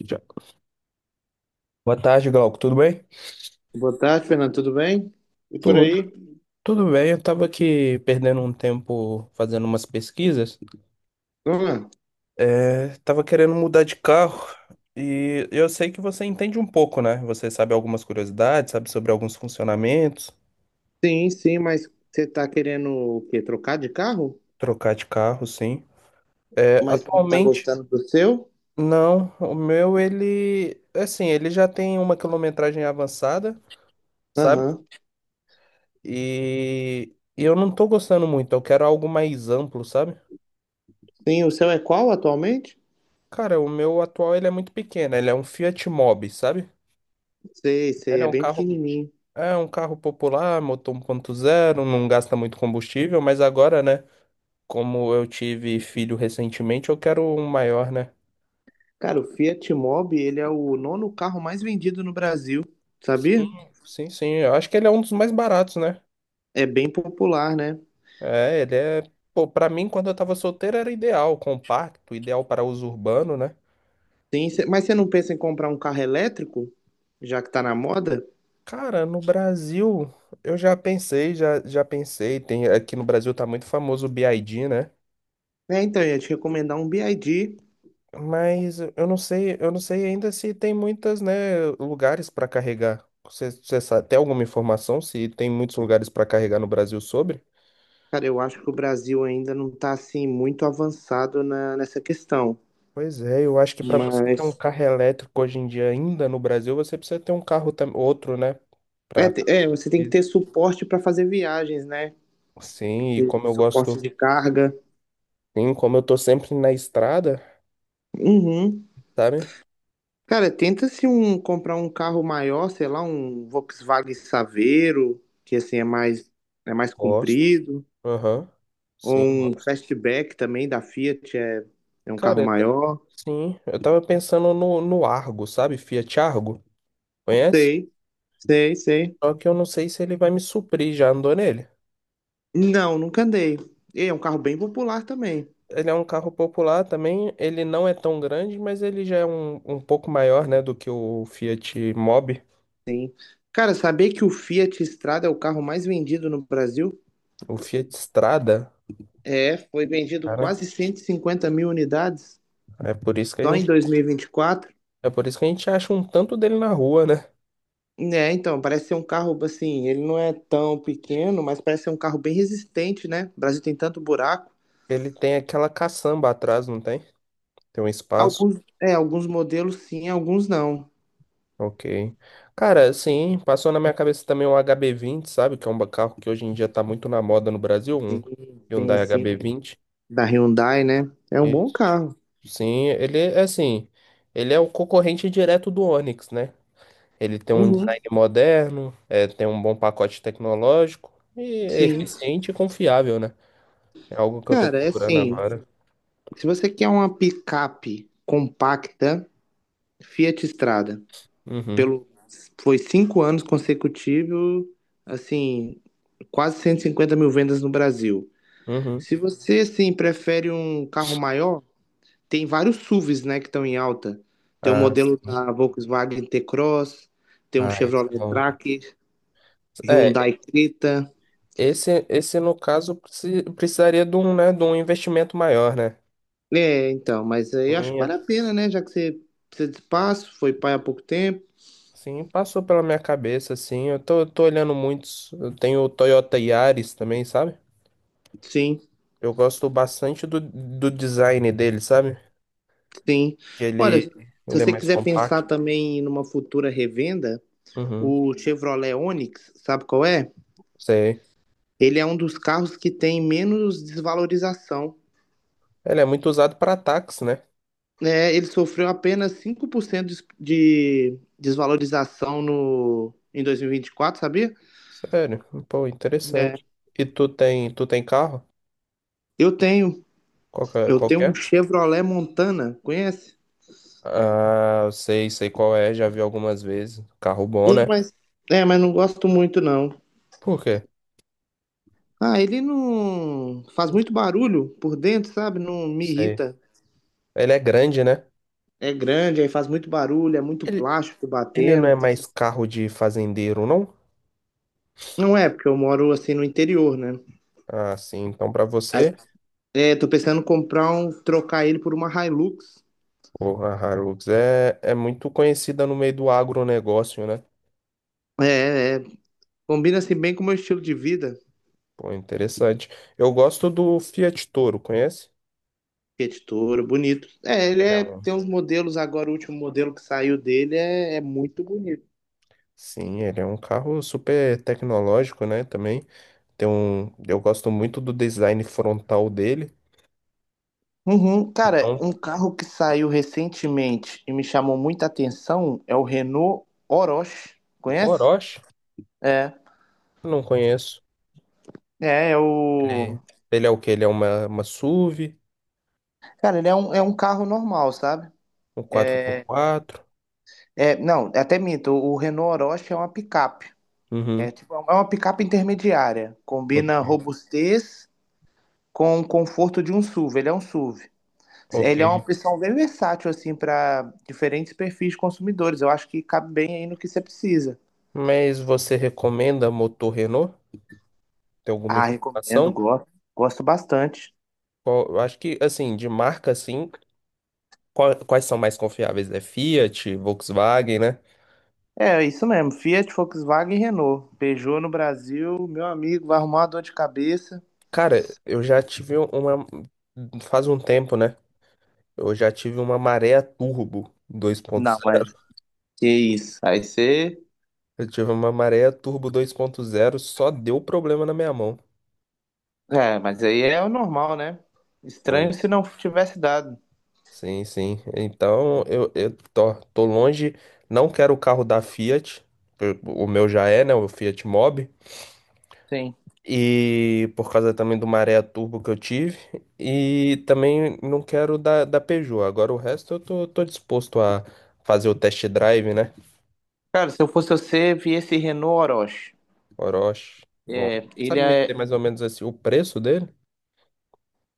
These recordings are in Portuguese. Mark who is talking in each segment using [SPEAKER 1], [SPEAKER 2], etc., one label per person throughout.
[SPEAKER 1] Já. Boa tarde, Glauco. Tudo bem?
[SPEAKER 2] Boa tarde, Fernando. Tudo bem? E por
[SPEAKER 1] Tudo.
[SPEAKER 2] aí?
[SPEAKER 1] Tudo bem. Eu tava aqui perdendo um tempo fazendo umas pesquisas.
[SPEAKER 2] Ah,
[SPEAKER 1] É, tava querendo mudar de carro e eu sei que você entende um pouco, né? Você sabe algumas curiosidades, sabe sobre alguns funcionamentos,
[SPEAKER 2] sim, sim, mas você tá querendo o quê? Trocar de carro?
[SPEAKER 1] trocar de carro, sim. É,
[SPEAKER 2] Mas não tá
[SPEAKER 1] atualmente,
[SPEAKER 2] gostando do seu?
[SPEAKER 1] não. O meu, ele, assim, ele já tem uma quilometragem avançada, sabe?
[SPEAKER 2] Aham.
[SPEAKER 1] E eu não tô gostando muito. Eu quero algo mais amplo, sabe?
[SPEAKER 2] Sim, o seu é qual atualmente?
[SPEAKER 1] Cara, o meu atual ele é muito pequeno, ele é um Fiat Mobi, sabe?
[SPEAKER 2] Sei, sei,
[SPEAKER 1] Ele
[SPEAKER 2] é bem pequenininho.
[SPEAKER 1] é um carro popular, motor 1.0, não gasta muito combustível, mas agora, né, como eu tive filho recentemente, eu quero um maior, né?
[SPEAKER 2] Cara, o Fiat Mobi, ele é o nono carro mais vendido no Brasil,
[SPEAKER 1] Sim,
[SPEAKER 2] sabia?
[SPEAKER 1] sim, sim. Eu acho que ele é um dos mais baratos, né?
[SPEAKER 2] É bem popular, né?
[SPEAKER 1] É, ele é, pô, pra mim quando eu tava solteiro era ideal, compacto, ideal para uso urbano, né?
[SPEAKER 2] Sim, mas você não pensa em comprar um carro elétrico, já que tá na moda?
[SPEAKER 1] Cara, no Brasil, eu já pensei, já pensei, tem, aqui no Brasil tá muito famoso o BYD, né?
[SPEAKER 2] É, então, eu ia te recomendar um BYD.
[SPEAKER 1] Mas eu não sei ainda se tem muitas, né, lugares para carregar. Você sabe, tem alguma informação se tem muitos lugares para carregar no Brasil sobre?
[SPEAKER 2] Cara, eu acho que o Brasil ainda não está assim muito avançado nessa questão,
[SPEAKER 1] Pois é, eu acho que para você ter um
[SPEAKER 2] mas
[SPEAKER 1] carro elétrico hoje em dia ainda no Brasil, você precisa ter um carro outro, né? Pra...
[SPEAKER 2] você tem que ter suporte para fazer viagens, né?
[SPEAKER 1] Sim, e
[SPEAKER 2] Ter
[SPEAKER 1] como eu
[SPEAKER 2] suporte
[SPEAKER 1] gosto,
[SPEAKER 2] de carga.
[SPEAKER 1] sim, como eu tô sempre na estrada,
[SPEAKER 2] Uhum.
[SPEAKER 1] sabe?
[SPEAKER 2] Cara, tenta se um comprar um carro maior, sei lá, um Volkswagen Saveiro, que assim é mais
[SPEAKER 1] Gosto.
[SPEAKER 2] comprido,
[SPEAKER 1] Aham.
[SPEAKER 2] ou
[SPEAKER 1] Sim,
[SPEAKER 2] um
[SPEAKER 1] gosto.
[SPEAKER 2] Fastback também da Fiat é um
[SPEAKER 1] Cara,
[SPEAKER 2] carro maior.
[SPEAKER 1] sim, eu tava pensando no Argo, sabe? Fiat Argo. Conhece?
[SPEAKER 2] Sei, sei.
[SPEAKER 1] Só que eu não sei se ele vai me suprir, já andou nele.
[SPEAKER 2] Não, nunca andei. E é um carro bem popular também.
[SPEAKER 1] Ele é um carro popular também, ele não é tão grande, mas ele já é um pouco maior, né, do que o Fiat Mobi,
[SPEAKER 2] Cara, saber que o Fiat Strada é o carro mais vendido no Brasil?
[SPEAKER 1] o Fiat Strada,
[SPEAKER 2] É, foi vendido
[SPEAKER 1] cara.
[SPEAKER 2] quase 150 mil unidades
[SPEAKER 1] É por isso que a
[SPEAKER 2] só em
[SPEAKER 1] gente,
[SPEAKER 2] 2024.
[SPEAKER 1] é por isso que a gente acha um tanto dele na rua, né?
[SPEAKER 2] É, então, parece ser um carro, assim, ele não é tão pequeno, mas parece ser um carro bem resistente, né? O Brasil tem tanto buraco.
[SPEAKER 1] Ele tem aquela caçamba atrás, não tem? Tem um espaço.
[SPEAKER 2] Alguns, é, alguns modelos sim, alguns não.
[SPEAKER 1] Ok. Cara, sim, passou na minha cabeça também um HB20, sabe? Que é um carro que hoje em dia tá muito na moda no Brasil, um
[SPEAKER 2] Sim, sim,
[SPEAKER 1] Hyundai
[SPEAKER 2] sim.
[SPEAKER 1] HB20.
[SPEAKER 2] Da Hyundai, né? É um bom carro.
[SPEAKER 1] Sim, ele é assim, ele é o concorrente direto do Onix, né? Ele tem um
[SPEAKER 2] Uhum,
[SPEAKER 1] design moderno, é, tem um bom pacote tecnológico e é
[SPEAKER 2] sim.
[SPEAKER 1] eficiente e confiável, né? É algo que eu tô
[SPEAKER 2] Cara, é
[SPEAKER 1] procurando
[SPEAKER 2] assim,
[SPEAKER 1] agora.
[SPEAKER 2] se você quer uma picape compacta, Fiat Strada.
[SPEAKER 1] Uhum,
[SPEAKER 2] Pelo, foi cinco anos consecutivos, assim, quase 150 mil vendas no Brasil.
[SPEAKER 1] uhum.
[SPEAKER 2] Se você, assim, prefere um carro maior, tem vários SUVs, né, que estão em alta. Tem o
[SPEAKER 1] Ah,
[SPEAKER 2] modelo
[SPEAKER 1] sim.
[SPEAKER 2] da Volkswagen T-Cross, tem um
[SPEAKER 1] Ah, esse é
[SPEAKER 2] Chevrolet
[SPEAKER 1] bom.
[SPEAKER 2] Tracker,
[SPEAKER 1] É,
[SPEAKER 2] Hyundai Creta.
[SPEAKER 1] esse no caso precisaria de um, né, de um investimento maior, né?
[SPEAKER 2] É, então, mas aí eu acho que
[SPEAKER 1] Sim,
[SPEAKER 2] vale a pena, né, já que você precisa de espaço, foi pai há pouco tempo.
[SPEAKER 1] sim, passou pela minha cabeça, assim. Eu tô olhando muitos. Eu tenho o Toyota Yaris também, sabe?
[SPEAKER 2] Sim,
[SPEAKER 1] Eu gosto bastante do design dele, sabe?
[SPEAKER 2] sim.
[SPEAKER 1] Que
[SPEAKER 2] Olha,
[SPEAKER 1] ele,
[SPEAKER 2] se
[SPEAKER 1] ele é
[SPEAKER 2] você
[SPEAKER 1] mais
[SPEAKER 2] quiser pensar
[SPEAKER 1] compacto.
[SPEAKER 2] também numa futura revenda,
[SPEAKER 1] Uhum.
[SPEAKER 2] o Chevrolet Onix, sabe qual é?
[SPEAKER 1] Sei.
[SPEAKER 2] Ele é um dos carros que tem menos desvalorização.
[SPEAKER 1] Ele é muito usado para ataques, né?
[SPEAKER 2] É, ele sofreu apenas 5% de desvalorização no, em 2024, sabia?
[SPEAKER 1] Sério. Pô,
[SPEAKER 2] É,
[SPEAKER 1] interessante. E tu tem carro?
[SPEAKER 2] eu tenho,
[SPEAKER 1] Qual que é?
[SPEAKER 2] eu
[SPEAKER 1] Qual
[SPEAKER 2] tenho
[SPEAKER 1] que
[SPEAKER 2] um
[SPEAKER 1] é?
[SPEAKER 2] Chevrolet Montana, conhece?
[SPEAKER 1] Ah, eu sei, sei qual é, já vi algumas vezes. Carro bom, né?
[SPEAKER 2] É, mas, mas não gosto muito não.
[SPEAKER 1] Por quê?
[SPEAKER 2] Ah, ele não faz
[SPEAKER 1] Não.
[SPEAKER 2] muito barulho por dentro, sabe? Não me
[SPEAKER 1] Sei.
[SPEAKER 2] irrita.
[SPEAKER 1] Ele é grande, né?
[SPEAKER 2] É grande, aí faz muito barulho, é muito
[SPEAKER 1] Ele,
[SPEAKER 2] plástico
[SPEAKER 1] ele não é
[SPEAKER 2] batendo.
[SPEAKER 1] mais carro de fazendeiro, não?
[SPEAKER 2] Não é, porque eu moro assim no interior, né?
[SPEAKER 1] Ah, sim. Então, para
[SPEAKER 2] Aí,
[SPEAKER 1] você,
[SPEAKER 2] tô pensando em comprar um, trocar ele por uma Hilux.
[SPEAKER 1] pô, a Hilux é muito conhecida no meio do agronegócio, né?
[SPEAKER 2] É. Combina assim bem com o meu estilo de vida.
[SPEAKER 1] Pô, interessante. Eu gosto do Fiat Toro, conhece?
[SPEAKER 2] Fiat Toro, bonito. É, ele
[SPEAKER 1] Ele é
[SPEAKER 2] é,
[SPEAKER 1] um-
[SPEAKER 2] tem uns modelos agora, o último modelo que saiu dele é muito bonito.
[SPEAKER 1] Sim, ele é um carro super tecnológico, né? Também tem um. Eu gosto muito do design frontal dele.
[SPEAKER 2] Uhum. Cara,
[SPEAKER 1] Então,
[SPEAKER 2] um carro que saiu recentemente e me chamou muita atenção é o Renault Oroch. Conhece?
[SPEAKER 1] Orochi,
[SPEAKER 2] É.
[SPEAKER 1] não conheço.
[SPEAKER 2] É, é
[SPEAKER 1] Ele,
[SPEAKER 2] o.
[SPEAKER 1] ele é o quê? Ele é uma SUV,
[SPEAKER 2] Cara, ele é um carro normal, sabe?
[SPEAKER 1] um quatro por quatro.
[SPEAKER 2] É, não, até minto, o Renault Oroch é uma picape. É
[SPEAKER 1] Uhum.
[SPEAKER 2] tipo, é uma picape intermediária. Combina
[SPEAKER 1] Ok.
[SPEAKER 2] robustez com o conforto de um SUV. Ele é um SUV. Ele é uma
[SPEAKER 1] Ok.
[SPEAKER 2] opção bem versátil, assim, para diferentes perfis de consumidores. Eu acho que cabe bem aí no que você precisa.
[SPEAKER 1] Mas você recomenda motor Renault? Tem alguma
[SPEAKER 2] Ah, recomendo,
[SPEAKER 1] informação?
[SPEAKER 2] gosto, gosto bastante.
[SPEAKER 1] Eu acho que, assim, de marca, assim, quais são mais confiáveis? É Fiat, Volkswagen, né?
[SPEAKER 2] É, é isso mesmo. Fiat, Volkswagen e Renault. Peugeot no Brasil, meu amigo, vai arrumar uma dor de cabeça.
[SPEAKER 1] Cara, eu já tive um, uma. Faz um tempo, né? Eu já tive uma maré turbo
[SPEAKER 2] Não, mas
[SPEAKER 1] 2.0.
[SPEAKER 2] que isso. Aí você.
[SPEAKER 1] Eu tive uma maré turbo 2.0, só deu problema na minha mão.
[SPEAKER 2] É, mas aí é o normal, né?
[SPEAKER 1] Foi.
[SPEAKER 2] Estranho se não tivesse dado.
[SPEAKER 1] Sim, sim. Então, eu tô longe, não quero o carro da Fiat. O meu já é, né? O Fiat Mobi.
[SPEAKER 2] Sim.
[SPEAKER 1] E por causa também do maré turbo que eu tive. E também não quero da Peugeot. Agora o resto eu tô disposto a fazer o test drive, né?
[SPEAKER 2] Cara, se eu fosse você, vi esse Renault Orochi.
[SPEAKER 1] Orochi. Bom,
[SPEAKER 2] É, ele
[SPEAKER 1] sabe me dizer
[SPEAKER 2] é.
[SPEAKER 1] mais ou menos assim o preço dele?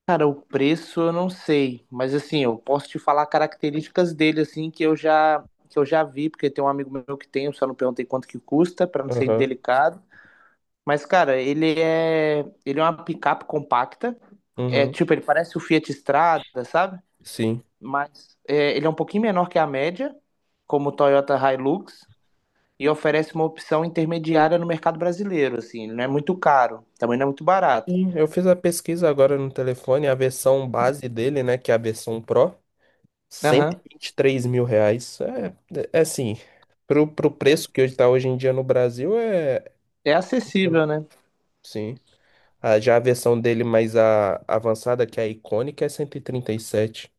[SPEAKER 2] Cara, o preço eu não sei, mas assim, eu posso te falar características dele, assim, que eu já vi, porque tem um amigo meu que tem, eu só não perguntei quanto que custa, pra não ser
[SPEAKER 1] Aham.
[SPEAKER 2] indelicado. Mas, cara, ele é. Ele é uma picape compacta. É
[SPEAKER 1] Uhum,
[SPEAKER 2] tipo, ele parece o Fiat Strada, sabe?
[SPEAKER 1] sim.
[SPEAKER 2] Mas é, ele é um pouquinho menor que a média, como o Toyota Hilux. E oferece uma opção intermediária no mercado brasileiro, assim, não é muito caro, também não é muito barato.
[SPEAKER 1] Sim, eu fiz a pesquisa agora no telefone, a versão base dele, né, que é a versão Pro, cento e
[SPEAKER 2] Aham.
[SPEAKER 1] e vinte e três mil reais. É, é assim, pro preço que hoje tá hoje em dia no Brasil é...
[SPEAKER 2] É
[SPEAKER 1] né?
[SPEAKER 2] acessível, né?
[SPEAKER 1] Sim. Ah, já a versão dele mais a, avançada, que é a icônica, é cento e trinta e sete.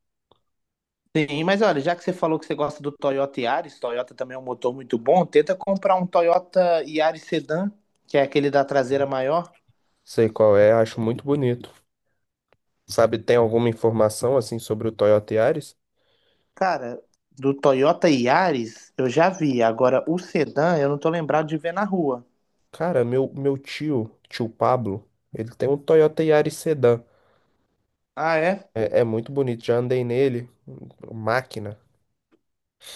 [SPEAKER 2] Sim, mas olha, já que você falou que você gosta do Toyota Yaris, Toyota também é um motor muito bom, tenta comprar um Toyota Yaris Sedan, que é aquele da traseira maior.
[SPEAKER 1] Sei qual é, acho muito bonito. Sabe, tem alguma informação, assim, sobre o Toyota Yaris?
[SPEAKER 2] Cara, do Toyota Yaris eu já vi, agora o Sedan eu não tô lembrado de ver na rua.
[SPEAKER 1] Cara, meu tio, tio Pablo, ele tem um Toyota Yaris Sedan.
[SPEAKER 2] Ah, é?
[SPEAKER 1] É, é muito bonito, já andei nele. Máquina,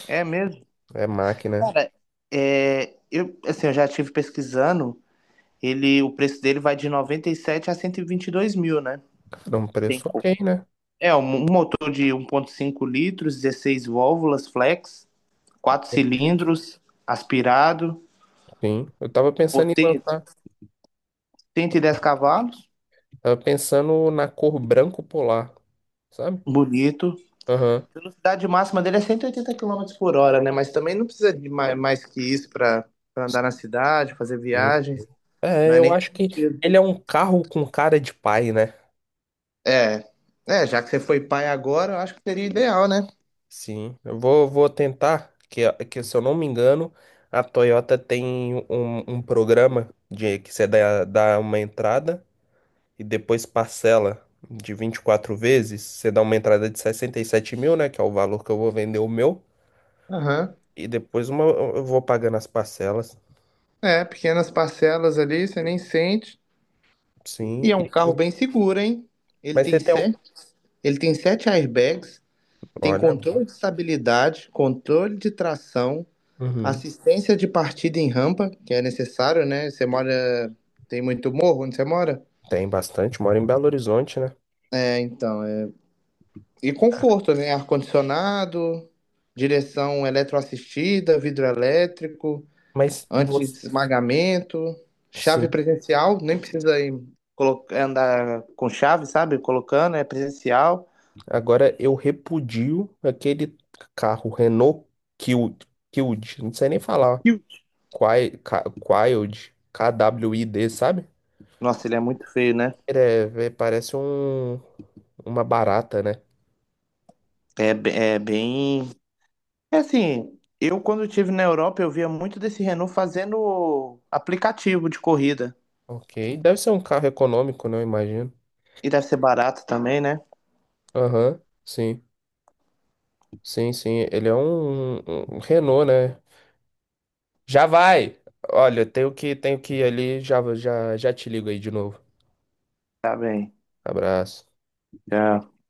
[SPEAKER 2] É mesmo?
[SPEAKER 1] é máquina.
[SPEAKER 2] Cara, é, eu, assim, eu já estive pesquisando ele, o preço dele vai de 97 a 122 mil, né?
[SPEAKER 1] Dá um
[SPEAKER 2] Tem
[SPEAKER 1] preço
[SPEAKER 2] como.
[SPEAKER 1] ok, né?
[SPEAKER 2] É, um motor de 1.5 litros, 16 válvulas flex, 4 cilindros, aspirado,
[SPEAKER 1] Sim, eu tava pensando em
[SPEAKER 2] potente,
[SPEAKER 1] lançar,
[SPEAKER 2] 110 cavalos,
[SPEAKER 1] tava pensando na cor branco polar, sabe?
[SPEAKER 2] bonito.
[SPEAKER 1] Aham.
[SPEAKER 2] A velocidade máxima dele é 180 quilômetros por hora, né? Mas também não precisa de mais que isso para andar na cidade, fazer
[SPEAKER 1] Sim.
[SPEAKER 2] viagens. Não
[SPEAKER 1] É,
[SPEAKER 2] é
[SPEAKER 1] eu
[SPEAKER 2] nem
[SPEAKER 1] acho que
[SPEAKER 2] permitido.
[SPEAKER 1] ele é um carro com cara de pai, né?
[SPEAKER 2] É, já que você foi pai agora, eu acho que seria ideal, né?
[SPEAKER 1] Sim, eu vou tentar, que se eu não me engano, a Toyota tem um, um programa de que você dá uma entrada. E depois parcela de 24 vezes, você dá uma entrada de 67 mil, né? Que é o valor que eu vou vender o meu.
[SPEAKER 2] Aham.
[SPEAKER 1] E depois uma, eu vou pagando as parcelas.
[SPEAKER 2] É, pequenas parcelas ali, você nem sente.
[SPEAKER 1] Sim.
[SPEAKER 2] E é um carro bem seguro, hein? Ele
[SPEAKER 1] Mas você
[SPEAKER 2] tem
[SPEAKER 1] tem.
[SPEAKER 2] sete, ele tem sete airbags, tem
[SPEAKER 1] Olha.
[SPEAKER 2] controle de estabilidade, controle de tração,
[SPEAKER 1] Uhum,
[SPEAKER 2] assistência de partida em rampa, que é necessário, né? Tem muito morro onde você mora?
[SPEAKER 1] tem bastante. Mora em Belo Horizonte, né?
[SPEAKER 2] É, então, é... E conforto, né? Ar-condicionado, direção eletroassistida, vidro elétrico,
[SPEAKER 1] Mas você.
[SPEAKER 2] anti-esmagamento, chave
[SPEAKER 1] Sim.
[SPEAKER 2] presencial, nem precisa ir andar com chave, sabe? Colocando, é presencial.
[SPEAKER 1] Agora eu repudio aquele carro Renault Kwid. Kwid. Não sei nem falar.
[SPEAKER 2] E o
[SPEAKER 1] Kwid. KWID, K W I D, sabe?
[SPEAKER 2] Nossa, ele é muito feio, né?
[SPEAKER 1] Parece uma barata, né?
[SPEAKER 2] É bem. É assim, eu quando estive na Europa, eu via muito desse Renault fazendo aplicativo de corrida.
[SPEAKER 1] Ok. Deve ser um carro econômico, né? Eu imagino.
[SPEAKER 2] E deve ser barato também, né?
[SPEAKER 1] Aham. Sim. Sim, sim. Ele é um Renault, né? Já vai! Olha, tenho que ir ali. Já, já, já te ligo aí de novo.
[SPEAKER 2] Tá bem.
[SPEAKER 1] Abraço.
[SPEAKER 2] Tchau.